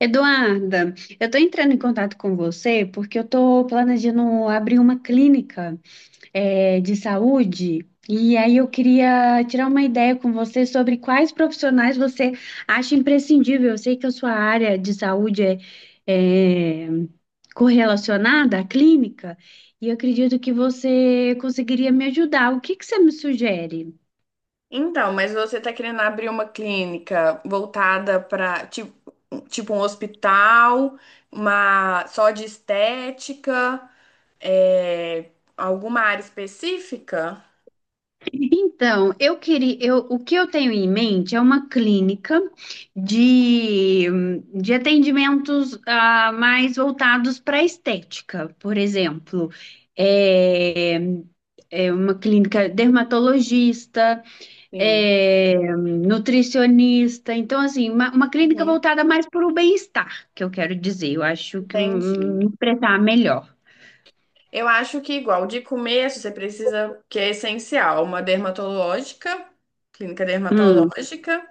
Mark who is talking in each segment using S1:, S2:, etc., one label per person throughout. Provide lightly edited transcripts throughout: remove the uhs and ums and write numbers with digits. S1: Eduarda, eu estou entrando em contato com você porque eu estou planejando abrir uma clínica, de saúde e aí eu queria tirar uma ideia com você sobre quais profissionais você acha imprescindível. Eu sei que a sua área de saúde é, eh, correlacionada à clínica e eu acredito que você conseguiria me ajudar. O que que você me sugere?
S2: Então, mas você tá querendo abrir uma clínica voltada para tipo um hospital, uma só de estética, é, alguma área específica?
S1: Então, eu queria, o que eu tenho em mente é uma clínica de, de atendimentos mais voltados para estética, por exemplo, é, é uma clínica dermatologista,
S2: Sim.
S1: é, nutricionista, então assim, uma clínica
S2: Uhum,
S1: voltada mais para o bem-estar, que eu quero dizer. Eu acho que
S2: entendi.
S1: me expressar melhor.
S2: Eu acho que igual de começo você precisa, que é essencial, uma dermatológica, clínica
S1: Hum,
S2: dermatológica,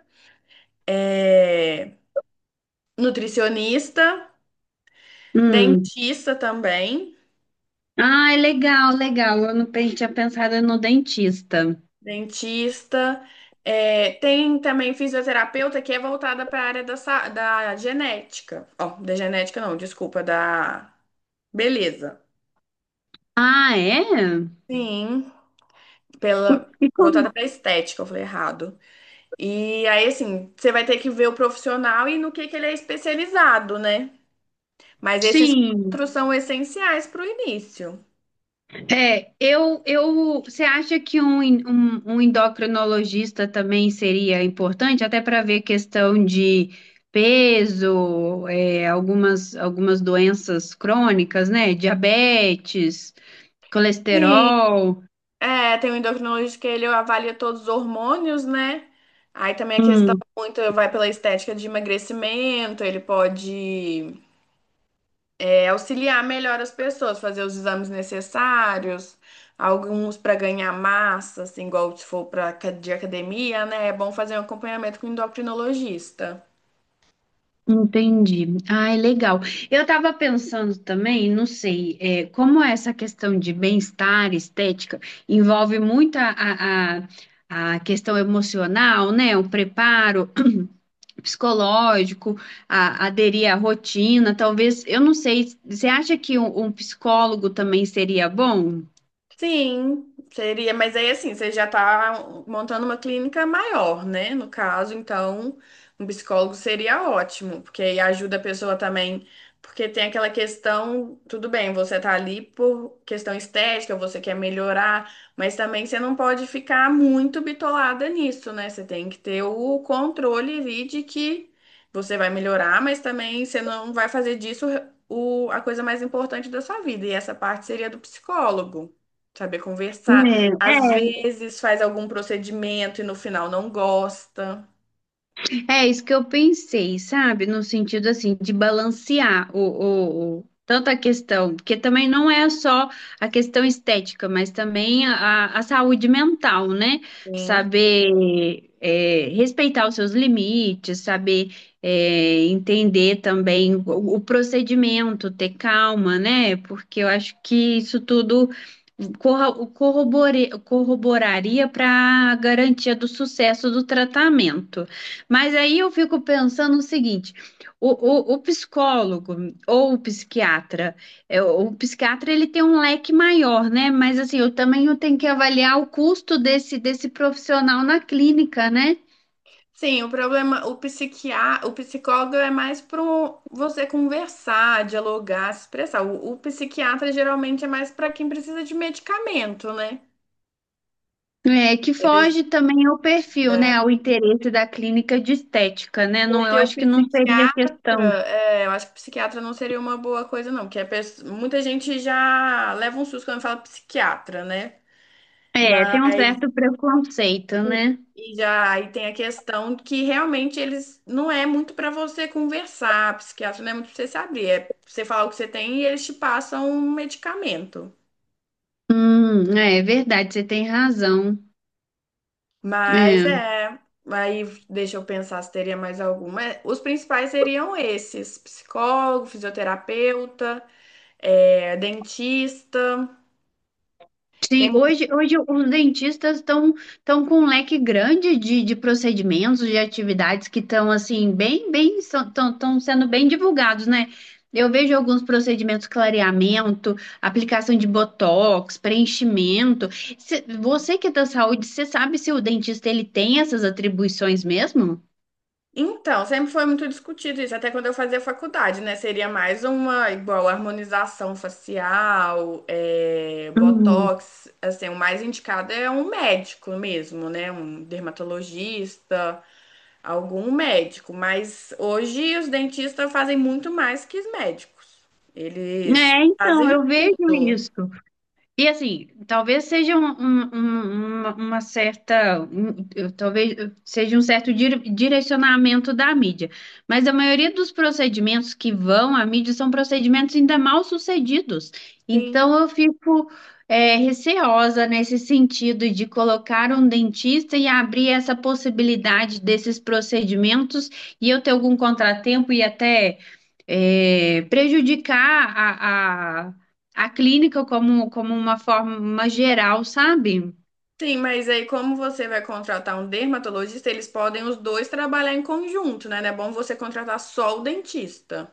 S2: é, nutricionista,
S1: hum.
S2: dentista também.
S1: Ah, legal, legal. Eu não pen- tinha pensado no dentista.
S2: Dentista. É, tem também fisioterapeuta que é voltada para a área da, da genética. Ó, da genética não, desculpa, da beleza.
S1: Ah, é?
S2: Sim, pela
S1: E como-
S2: voltada para estética, eu falei errado. E aí, assim, você vai ter que ver o profissional e no que ele é especializado, né? Mas esses
S1: Sim.
S2: quatro são essenciais para o início.
S1: É, eu, você acha que um endocrinologista também seria importante, até para ver questão de peso, é, algumas doenças crônicas, né? Diabetes,
S2: Sim.
S1: colesterol.
S2: É, tem um endocrinologista que ele avalia todos os hormônios, né? Aí também a questão muito vai pela estética de emagrecimento, ele pode auxiliar melhor as pessoas, fazer os exames necessários, alguns para ganhar massa, assim, igual se for para de academia, né? É bom fazer um acompanhamento com o endocrinologista.
S1: Entendi. Ai, legal. Eu estava pensando também, não sei, é, como essa questão de bem-estar, estética, envolve muito a questão emocional, né? O preparo psicológico, aderir à rotina, talvez, eu não sei, você acha que um psicólogo também seria bom?
S2: Sim, seria, mas aí assim, você já está montando uma clínica maior, né? No caso, então, um psicólogo seria ótimo, porque aí ajuda a pessoa também, porque tem aquela questão, tudo bem, você tá ali por questão estética, você quer melhorar, mas também você não pode ficar muito bitolada nisso, né? Você tem que ter o controle ali de que você vai melhorar, mas também você não vai fazer disso o, a coisa mais importante da sua vida, e essa parte seria do psicólogo. Saber conversar. Às vezes faz algum procedimento e no final não gosta.
S1: É isso que eu pensei, sabe? No sentido assim de balancear tanto a questão, porque também não é só a questão estética, mas também a saúde mental, né?
S2: Sim.
S1: Saber é, respeitar os seus limites, saber é, entender também o procedimento, ter calma, né? Porque eu acho que isso tudo corroboraria para a garantia do sucesso do tratamento. Mas aí eu fico pensando o seguinte: o psicólogo ou o psiquiatra, é, o psiquiatra ele tem um leque maior, né? Mas assim, eu também eu tenho que avaliar o custo desse profissional na clínica, né?
S2: Sim, o problema, o psiquiatra, o psicólogo é mais para você conversar, dialogar, se expressar. O psiquiatra geralmente é mais para quem precisa de medicamento, né?
S1: É, que
S2: Eles-
S1: foge também ao perfil, né? Ao interesse da clínica de estética, né? Não, eu
S2: porque o
S1: acho que não seria
S2: psiquiatra,
S1: questão.
S2: eu acho que psiquiatra não seria uma boa coisa, não, porque muita gente já leva um susto quando fala psiquiatra, né?
S1: É, tem um certo preconceito,
S2: Sim.
S1: né?
S2: E já aí tem a questão que realmente eles não é muito para você conversar, psiquiatra não é muito para você saber, é pra você falar o que você tem e eles te passam um medicamento.
S1: É verdade, você tem razão.
S2: Mas
S1: É.
S2: é, aí deixa eu pensar se teria mais alguma. É, os principais seriam esses: psicólogo, fisioterapeuta, dentista.
S1: Sim,
S2: Tem
S1: hoje os dentistas estão com um leque grande de procedimentos, de atividades que estão assim bem, estão sendo bem divulgados, né? Eu vejo alguns procedimentos, clareamento, aplicação de botox, preenchimento. Você que é da saúde, você sabe se o dentista ele tem essas atribuições mesmo?
S2: Então, sempre foi muito discutido isso, até quando eu fazia faculdade, né? Seria mais uma igual harmonização facial, é,
S1: Hum.
S2: botox, assim, o mais indicado é um médico mesmo, né? Um dermatologista, algum médico. Mas hoje os dentistas fazem muito mais que os médicos. Eles
S1: É, então,
S2: fazem
S1: eu vejo
S2: tudo.
S1: isso. E assim, talvez seja um- um- um- uma certa, um- eu- talvez eu- seja um certo direcionamento da mídia, mas a maioria dos procedimentos que vão à mídia são procedimentos ainda mal sucedidos. Então
S2: Sim.
S1: eu fico é, receosa nesse sentido de colocar um dentista e abrir essa possibilidade desses procedimentos e eu ter algum contratempo e até é, prejudicar a clínica como, como uma forma geral, sabe?
S2: Sim, mas aí como você vai contratar um dermatologista, eles podem os dois trabalhar em conjunto, né? Não é bom você contratar só o dentista.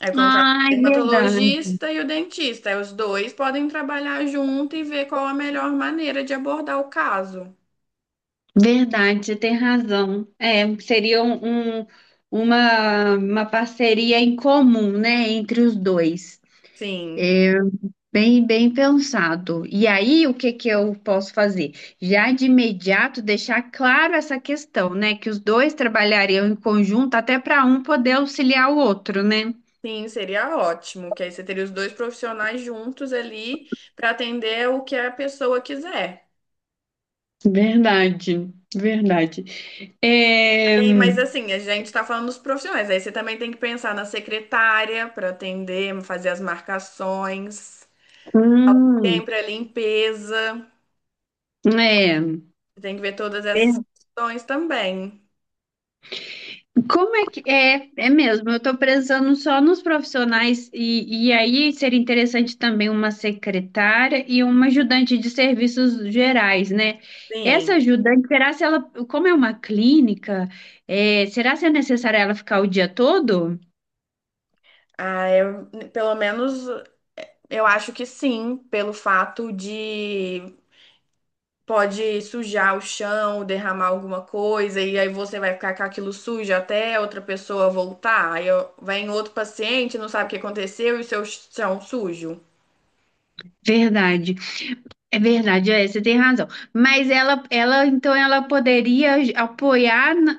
S2: Aí contrata o
S1: Ai, verdade.
S2: dermatologista e o dentista. Aí os dois podem trabalhar junto e ver qual a melhor maneira de abordar o caso.
S1: Verdade, você tem razão. É, seria uma parceria em comum, né, entre os dois.
S2: Sim,
S1: Bem, bem pensado. E aí, o que que eu posso fazer? Já de imediato deixar claro essa questão, né, que os dois trabalhariam em conjunto até para um poder auxiliar o outro, né?
S2: sim, seria ótimo, que aí você teria os dois profissionais juntos ali para atender o que a pessoa quiser.
S1: Verdade, verdade. É...
S2: E, mas assim, a gente está falando dos profissionais. Aí você também tem que pensar na secretária para atender, fazer as marcações,
S1: hum,
S2: sempre a limpeza.
S1: é,
S2: Tem que ver todas essas questões também.
S1: como é que é, é mesmo? Eu estou pensando só nos profissionais e aí seria interessante também uma secretária e uma ajudante de serviços gerais, né? Essa
S2: Sim.
S1: ajudante, será se ela, como é uma clínica, é, será se é necessário ela ficar o dia todo?
S2: Ah, eu, pelo menos eu acho que sim, pelo fato de pode sujar o chão, derramar alguma coisa, e aí você vai ficar com aquilo sujo até outra pessoa voltar. Aí ó, vai em outro paciente, não sabe o que aconteceu e o seu chão sujo.
S1: Verdade, verdade, é, você tem razão. Mas ela, então ela poderia apoiar,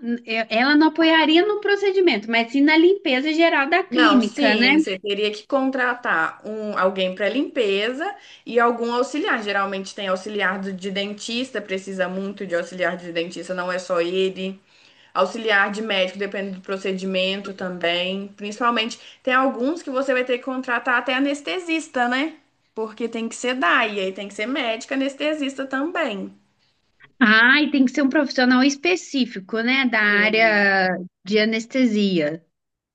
S1: ela não apoiaria no procedimento, mas sim na limpeza geral da
S2: Não,
S1: clínica, né?
S2: sim, você teria que contratar um, alguém para limpeza e algum auxiliar. Geralmente tem auxiliar de dentista, precisa muito de auxiliar de dentista, não é só ele. Auxiliar de médico, depende do procedimento também. Principalmente, tem alguns que você vai ter que contratar até anestesista, né? Porque tem que ser DAI, e aí tem que ser médico anestesista também.
S1: Ah, e tem que ser um profissional específico, né, da área de anestesia.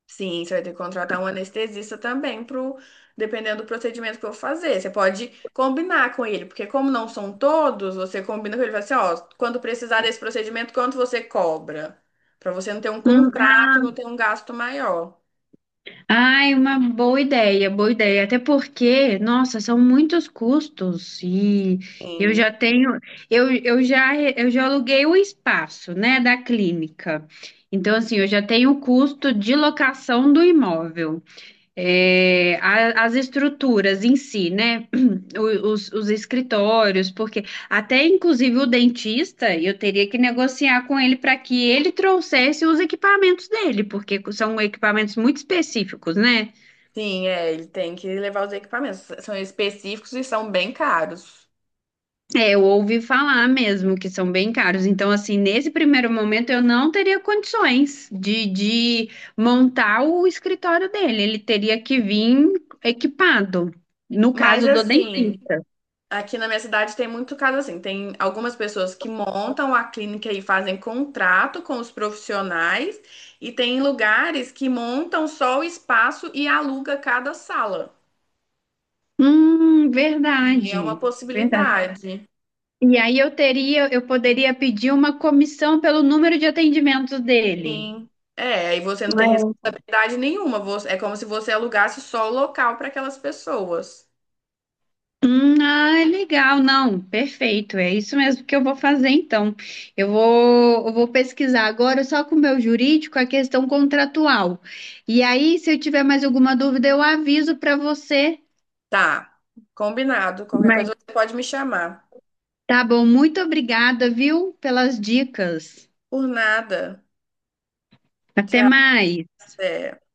S2: Sim, você vai ter que contratar um anestesista também pro, dependendo do procedimento que eu fazer. Você pode combinar com ele, porque como não são todos, você combina com ele e fala assim, ó, quando precisar desse procedimento, quanto você cobra? Pra você não ter um contrato e
S1: Ah,
S2: não ter um gasto maior.
S1: ai, uma boa ideia, boa ideia. Até porque, nossa, são muitos custos e eu
S2: Sim.
S1: já tenho, eu já aluguei o espaço, né, da clínica. Então, assim, eu já tenho o custo de locação do imóvel. É, as estruturas em si, né? Os escritórios, porque até inclusive o dentista, eu teria que negociar com ele para que ele trouxesse os equipamentos dele, porque são equipamentos muito específicos, né?
S2: Sim, é, ele tem que levar os equipamentos. São específicos e são bem caros.
S1: É, eu ouvi falar mesmo que são bem caros. Então, assim, nesse primeiro momento eu não teria condições de montar o escritório dele. Ele teria que vir equipado, no
S2: Mas
S1: caso do
S2: assim,
S1: dentista.
S2: aqui na minha cidade tem muito caso assim. Tem algumas pessoas que montam a clínica e fazem contrato com os profissionais, e tem lugares que montam só o espaço e aluga cada sala. E é uma
S1: Verdade, verdade.
S2: possibilidade.
S1: E aí eu teria, eu poderia pedir uma comissão pelo número de atendimentos dele.
S2: Sim. É, aí você não tem responsabilidade nenhuma. Você- é como se você alugasse só o local para aquelas pessoas.
S1: Ah, legal, não, perfeito, é isso mesmo que eu vou fazer então. Eu vou pesquisar agora só com o meu jurídico a questão contratual. E aí, se eu tiver mais alguma dúvida, eu aviso para você.
S2: Tá, combinado. Qualquer
S1: Mas
S2: coisa você pode me chamar.
S1: tá bom, muito obrigada, viu, pelas dicas.
S2: Por nada.
S1: Até mais.
S2: É.